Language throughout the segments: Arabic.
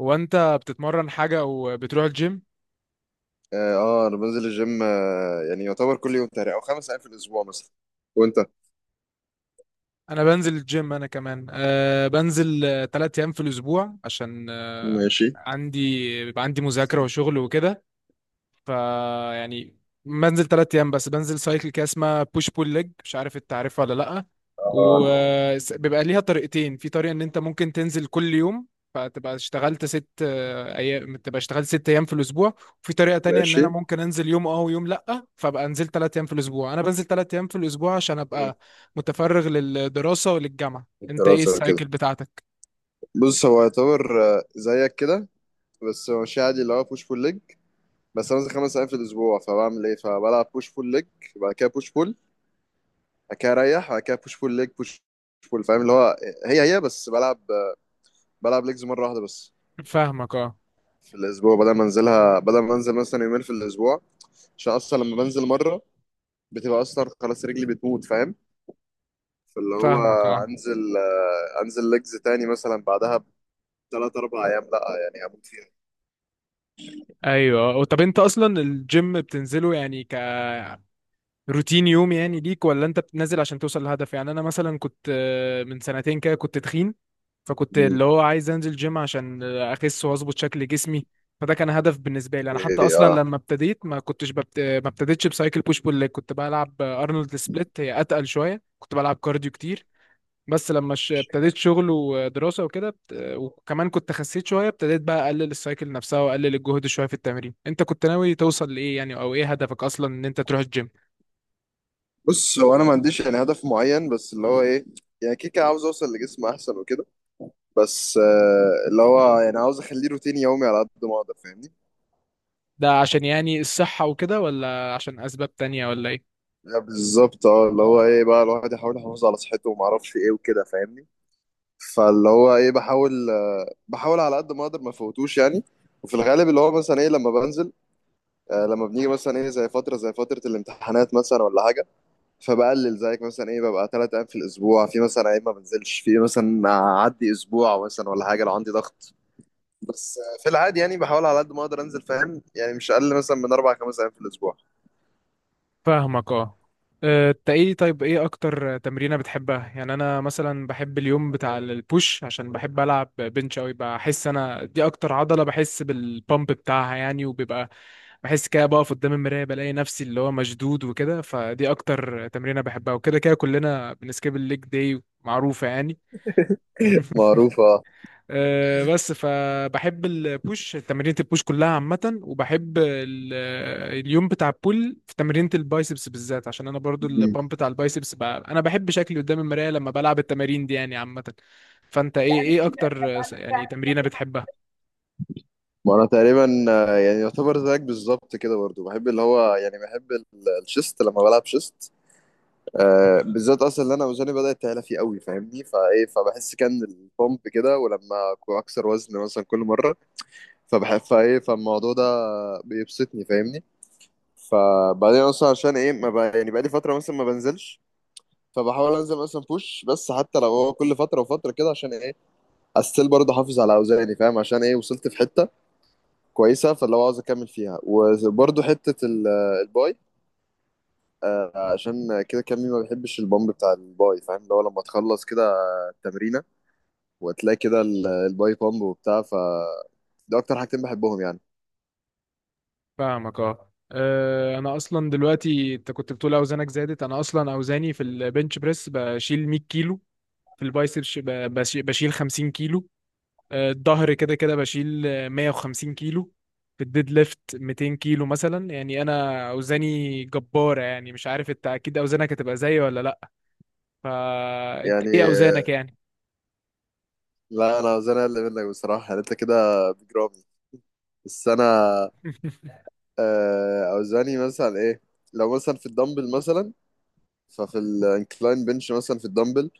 هو انت بتتمرن حاجة او بتروح الجيم؟ اه، انا بنزل الجيم، يعني يعتبر كل يوم تقريبا، او 5 ايام في الاسبوع مثلا. وانت؟ انا بنزل الجيم. انا كمان بنزل 3 ايام في الاسبوع عشان أه ماشي. عندي بيبقى عندي مذاكرة وشغل وكده. فيعني بنزل 3 ايام، بس بنزل سايكل كده اسمها بوش بول ليج. مش عارف انت عارفها ولا لا؟ وبيبقى ليها طريقتين. في طريقه ان انت ممكن تنزل كل يوم، فتبقى اشتغلت ست آه، ايام تبقى اشتغلت 6 ايام في الاسبوع. وفي طريقه تانية ان انا ماشي. ممكن انزل يوم ويوم لا، فبقى انزل 3 ايام في الاسبوع. انا بنزل 3 ايام في الاسبوع عشان مم. ابقى متفرغ للدراسه وللجامعه. انت ايه الدراسة كده. السايكل بتاعتك؟ بص، هو يعتبر زيك كده. بس هو ماشي عادي، اللي هو بوش بول ليج. بس انا بنزل 5 ايام في الاسبوع، فبعمل ايه؟ فبلعب بوش بول ليج، بعد كده بوش بول، بعد كده اريح، بعد كده بوش بول ليج بوش بول. فاهم اللي هو؟ هي بس بلعب، بلعب ليجز مرة واحدة بس فاهمك، اه. في الاسبوع، بدل ما انزلها، بدل ما انزل مثلا يومين في الاسبوع، عشان اصلا لما بنزل مرة بتبقى اصلا خلاص رجلي بتموت، فاهم؟ فاللي هو فاهمك، اه. انزل ليجز تاني مثلا بعدها بثلاث اربع ايام، لا يعني هموت فيها. ايوه، طب انت اصلا الجيم بتنزله يعني ك روتين يوم يعني ليك، ولا انت بتنزل عشان توصل لهدف؟ يعني انا مثلا كنت من سنتين كده كنت تخين، فكنت مم. اللي هو عايز انزل جيم عشان اخس واظبط شكل جسمي. فده كان هدف بالنسبه لي انا. حتى إيه، اصلا اه. لما ابتديت ما كنتش ببت... ما ابتديتش بسايكل بوش بول ليج، كنت بلعب ارنولد سبليت. هي اتقل شويه، كنت بلعب كارديو كتير. بس لما ابتديت شغل ودراسه وكده وكمان كنت خسيت شويه، ابتديت بقى اقلل السايكل نفسها واقلل الجهد شويه في التمرين. انت كنت ناوي توصل لايه يعني، او ايه هدفك اصلا ان انت تروح الجيم؟ بص، هو انا ما عنديش يعني هدف معين، بس اللي هو ايه، يعني كيكه عاوز اوصل لجسم احسن وكده. بس، اللي هو يعني عاوز اخليه روتين يومي على قد ما اقدر، فاهمني؟ ده عشان يعني الصحة وكده، ولا عشان أسباب تانية، ولا إيه؟ بالظبط، اه، اللي هو ايه بقى، الواحد يحاول يحافظ على صحته وما اعرفش ايه وكده، فاهمني؟ فاللي هو ايه، بحاول على قد ما اقدر ما فوتوش يعني. وفي الغالب، اللي هو مثلا ايه لما بنزل، لما بنيجي مثلا ايه، زي فتره الامتحانات مثلا ولا حاجه، فبقلل زيك مثلا، ايه، ببقى 3 ايام في الاسبوع، في مثلا ايام ما بنزلش، في مثلا اعدي اسبوع مثلا ولا حاجه لو عندي ضغط. بس، في العادي يعني بحاول على قد ما اقدر انزل، فاهم؟ يعني مش اقل مثلا من اربع خمس ايام في الاسبوع. فاهمك، اه. انت ايه؟ طيب ايه اكتر تمرينة بتحبها؟ يعني انا مثلا بحب اليوم بتاع البوش عشان بحب العب بنش اوي. بحس انا دي اكتر عضلة بحس بالبامب بتاعها يعني. وبيبقى بحس كده بقف قدام المراية بلاقي نفسي اللي هو مشدود وكده. فدي اكتر تمرينة بحبها. وكده كده كلنا بنسكيب الليج داي، معروفة يعني. معروفة. بس فبحب البوش، تمرينة البوش كلها عامة، وبحب اليوم بتاع البول، في تمرينة البايسبس بالذات عشان انا برضو مم. البامب بتاع البايسبس بقى. انا بحب شكلي قدام المراية لما بلعب التمارين دي يعني عامة. فانت ايه اكتر يعني تمرينة بتحبها؟ ما انا تقريبا، يعني يعتبر زيك بالظبط كده برضو. بحب اللي هو، يعني بحب الشيست، لما بلعب شيست بالذات، اصلا اللي انا وزني بدات تعلى فيه قوي، فاهمني؟ فايه، فبحس كان البومب كده، ولما أكون اكسر وزن مثلا كل مره، فبحب، فايه، فالموضوع ده بيبسطني، فاهمني؟ فبعدين اصلا عشان ايه ما بقى يعني، بقالي فتره مثلا ما بنزلش، فبحاول انزل مثلا بوش بس، حتى لو هو كل فتره وفتره كده. عشان ايه؟ استيل برضه احافظ على اوزاني، فاهم؟ عشان ايه وصلت في حته كويسه، فاللي هو عاوز اكمل فيها. وبرضه حته الباي. عشان كده، كمي ما بيحبش البامب بتاع الباي. فاهم اللي هو لما تخلص كده تمرينه، وتلاقي كده الباي بامب وبتاع، ده اكتر حاجتين بحبهم يعني. فاهمك، اه. انا اصلا دلوقتي، انت كنت بتقول اوزانك زادت، انا اصلا اوزاني في البنش بريس بشيل 100 كيلو. في البايسبس بشيل 50 كيلو. الظهر كده كده بشيل 150 كيلو. في الديد ليفت 200 كيلو مثلا يعني. انا اوزاني جبارة يعني. مش عارف انت اكيد اوزانك هتبقى زيي ولا لا. فانت يعني، ايه اوزانك يعني؟ لا انا اوزاني اقل منك بصراحه يعني، انت كده بجرامي. بس انا، اوزاني مثلا ايه، لو مثلا في الدمبل مثلا، ففي الانكلاين بنش مثلا في الدمبل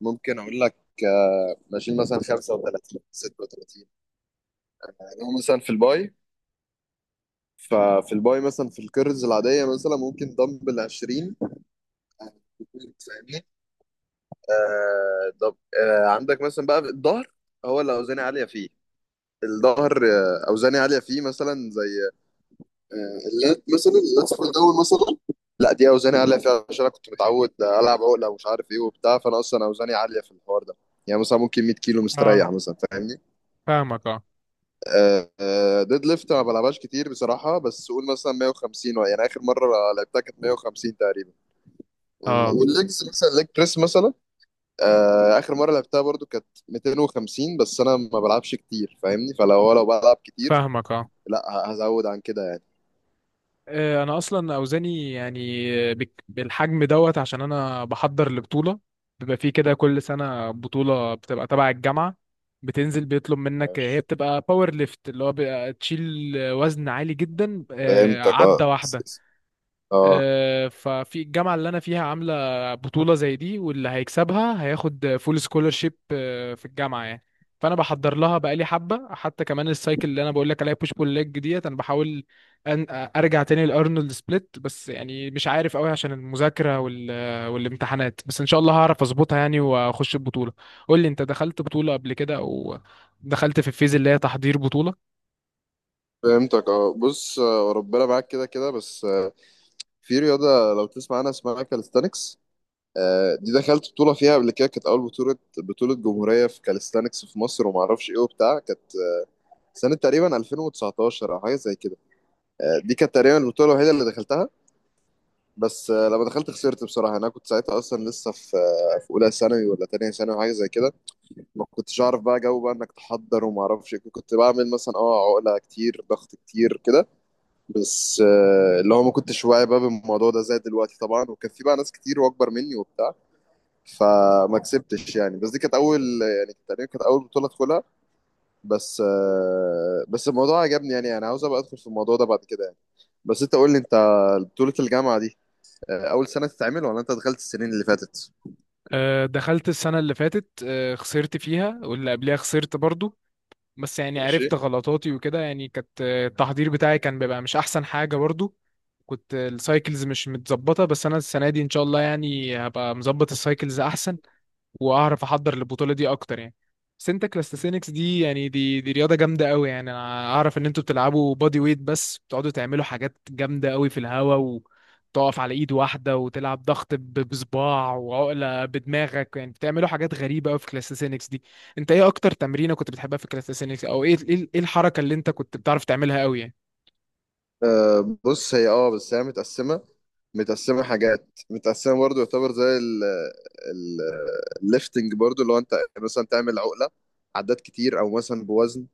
ممكن اقول لك، بشيل مثلا 35 36. يعني هو مثلا في الباي، ففي الباي مثلا في الكيرلز العاديه مثلا، ممكن دمبل 20، فاهمني. طب، عندك مثلا بقى الظهر، هو اللي اوزاني عاليه فيه. الظهر اوزاني عاليه فيه، مثلا زي اللات مثلا، اللات في الاول مثلا، لا دي اوزاني عاليه فيها، عشان انا كنت متعود العب عقله ومش عارف ايه وبتاع، فانا اصلا اوزاني عاليه في الحوار ده، يعني مثلا ممكن 100 كيلو اه، مستريح مثلا، فاهمني. فاهمك، اه. ديد ليفت ما بلعبهاش كتير بصراحه، بس قول مثلا 150، يعني اخر مره لعبتها كانت 150 تقريبا. اه، والليجز مثلا ليج بريس مثلا، اخر مره لعبتها برضو كانت 250، بس انا ما بلعبش كتير، فاهمني، فلو هو لو بلعب كتير، فاهمك، اه. لا هزود عن كده يعني. انا اصلا اوزاني يعني بالحجم دوت عشان انا بحضر لبطوله. بيبقى في كده كل سنه بطوله بتبقى تبع الجامعه، بتنزل بيطلب منك. هي ماشي. بتبقى باور ليفت اللي هو بيبقى تشيل وزن عالي جدا فهمتك عدة اه. واحده. اه. ففي الجامعة اللي أنا فيها عاملة بطولة زي دي، واللي هيكسبها هياخد فول سكولرشيب في الجامعة يعني. فأنا بحضر لها بقالي حبة. حتى كمان السايكل اللي أنا بقول لك عليها بوش بول ليج ديت، أنا بحاول أن أرجع تاني لأرنولد سبليت. بس يعني مش عارف أوي عشان المذاكرة وال... والامتحانات. بس إن شاء الله هعرف أظبطها يعني وأخش البطولة. قول لي أنت، دخلت بطولة قبل كده، أو دخلت في الفيز اللي هي تحضير بطولة؟ فهمتك اه. بص، ربنا معاك كده كده. بس، في رياضه لو تسمع عنها اسمها كاليستانكس، دي دخلت بطوله فيها قبل كده، كانت اول بطوله، بطوله جمهوريه في كاليستانكس في مصر، وما اعرفش ايه وبتاع، كانت سنه تقريبا 2019 او حاجه زي كده. دي كانت تقريبا البطوله الوحيده اللي دخلتها. بس، لما دخلت خسرت بصراحه. انا كنت ساعتها اصلا لسه في في، اولى ثانوي ولا تانية ثانوي، حاجه زي كده. ما كنتش اعرف بقى جو بقى انك تحضر وما اعرفش إيه، كنت بعمل مثلا، عقله كتير، ضغط كتير، كده. بس، اللي هو ما كنتش واعي بقى بالموضوع ده زي دلوقتي طبعا، وكان في بقى ناس كتير واكبر مني وبتاع، فما كسبتش يعني. بس دي كانت اول، يعني تقريبا كانت اول بطوله ادخلها، بس. بس الموضوع عجبني، يعني انا عاوز ابقى ادخل في الموضوع ده بعد كده يعني. بس انت قول لي انت، بطوله الجامعه دي اول سنه تتعمل، ولا انت دخلت السنين اللي فاتت؟ دخلت السنة اللي فاتت، خسرت فيها واللي قبلها خسرت برضو. بس يعني ماشي. عرفت غلطاتي وكده يعني. كانت التحضير بتاعي كان بيبقى مش احسن حاجة برضو، كنت السايكلز مش متظبطة. بس انا السنة دي ان شاء الله يعني هبقى مظبط السايكلز احسن واعرف احضر البطوله دي اكتر يعني. بس انت كلاستسينكس دي يعني، دي دي رياضه جامده قوي يعني. انا اعرف ان انتوا بتلعبوا بادي ويت بس بتقعدوا تعملوا حاجات جامده قوي في الهواء، وتقف على ايد واحده وتلعب ضغط بصباع، وعقله بدماغك يعني، بتعملوا حاجات غريبه قوي في كلاستسينكس دي. انت ايه اكتر تمرينه كنت بتحبها في كلاستسينكس؟ او ايه ايه إيه الحركه اللي انت كنت بتعرف تعملها قوي يعني؟ بص، هي بس هي متقسمه، متقسمه، حاجات متقسمه برضو، يعتبر زي ال ال الليفتنج برضو، اللي هو انت مثلا تعمل عقله عدات كتير، او مثلا بوزن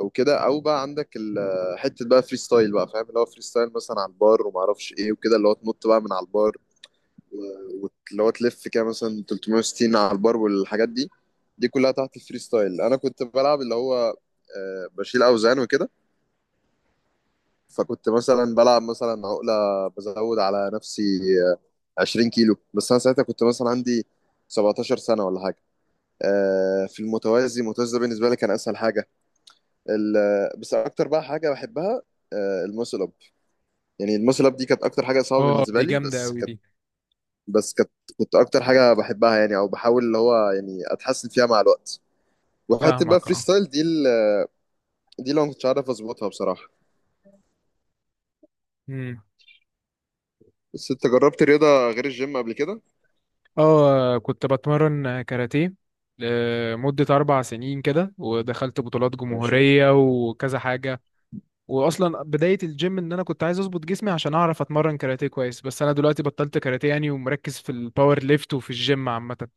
او كده، او بقى عندك حته بقى فري ستايل بقى، فاهم اللي هو فري ستايل؟ مثلا على البار وما اعرفش ايه وكده، اللي هو تنط بقى من على البار، واللي هو تلف كده مثلا 360 على البار والحاجات دي، دي كلها تحت الفري ستايل. انا كنت بلعب اللي هو، بشيل اوزان وكده، فكنت مثلا بلعب مثلا عقله بزود على نفسي 20 كيلو، بس انا ساعتها كنت مثلا عندي 17 سنه ولا حاجه. في المتوازي، المتوازي ده بالنسبه لي كان اسهل حاجه. بس اكتر بقى حاجه بحبها، الماسل اب. يعني الماسل اب دي كانت اكتر حاجه صعبه اه، بالنسبه دي لي، جامده بس، قوي دي. بس كانت، كنت اكتر حاجه بحبها يعني، او بحاول اللي هو يعني اتحسن فيها مع الوقت. وحته بقى فاهمك، فري ستايل دي، دي اللي أنا ما كنتش عارف اظبطها بصراحه. اه. بس انت جربت رياضه غير الجيم قبل كده؟ اه، كنت بتمرن كاراتيه لمدة 4 سنين كده، ودخلت بطولات ماشي. جمهورية وكذا حاجة. وأصلا بداية الجيم إن أنا كنت عايز أظبط جسمي عشان أعرف أتمرن كاراتيه كويس. بس أنا دلوقتي بطلت كاراتيه يعني، ومركز في الباور ليفت وفي الجيم عامة.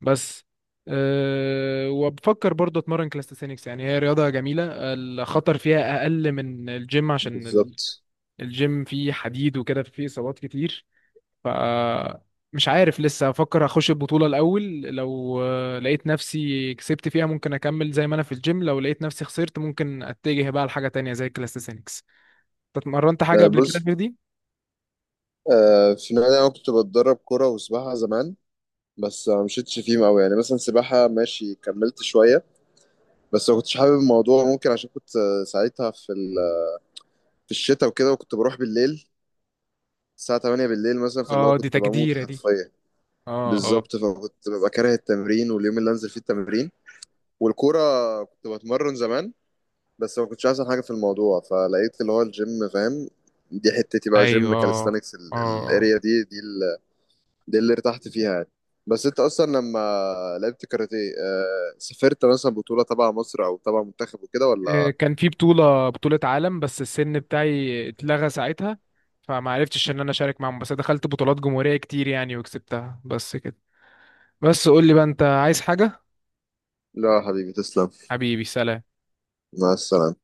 بس وبفكر برضه أتمرن كلاستيسينكس يعني. هي رياضة جميلة، الخطر فيها أقل من الجيم عشان بالظبط. الجيم فيه حديد وكده، فيه إصابات كتير. فمش عارف لسه، افكر اخش البطولة الاول. لو لقيت نفسي كسبت فيها ممكن اكمل زي ما انا في الجيم، لو لقيت نفسي خسرت ممكن اتجه بقى لحاجة تانية زي الكلاستيسينكس. أنت اتمرنت حاجة قبل كده بص، غير دي؟ في النادي انا كنت بتدرب كوره وسباحه زمان. بس ما مشيتش فيهم قوي يعني. مثلا سباحه ماشي كملت شويه، بس ما كنتش حابب الموضوع، ممكن عشان كنت، ساعتها في في الشتاء وكده، وكنت بروح بالليل الساعه 8 بالليل مثلا، فاللي هو اه، دي كنت بموت تجديرة دي. حرفيا. اه. اه. بالظبط، فكنت ببقى كاره التمرين واليوم اللي انزل فيه التمرين. والكوره، كنت بتمرن زمان، بس ما كنتش احسن حاجه في الموضوع، فلقيت اللي هو الجيم، فاهم. دي حتتي بقى، ايوه، جيم اه. كاليستانكس، اه، الاريا دي, دي اللي ارتحت فيها يعني. بس انت اصلا لما لعبت كاراتيه، سافرت مثلا بطوله تبع مصر او تبع منتخب وكده ولا؟ كان في بطولة عالم بس السن بتاعي اتلغى ساعتها فما عرفتش ان انا اشارك معاهم. بس دخلت بطولات جمهورية كتير يعني وكسبتها، بس كده. بس قول لي بقى، انت عايز حاجة؟ لا يا حبيبي، تسلم. حبيبي، سلام. مع السلامه.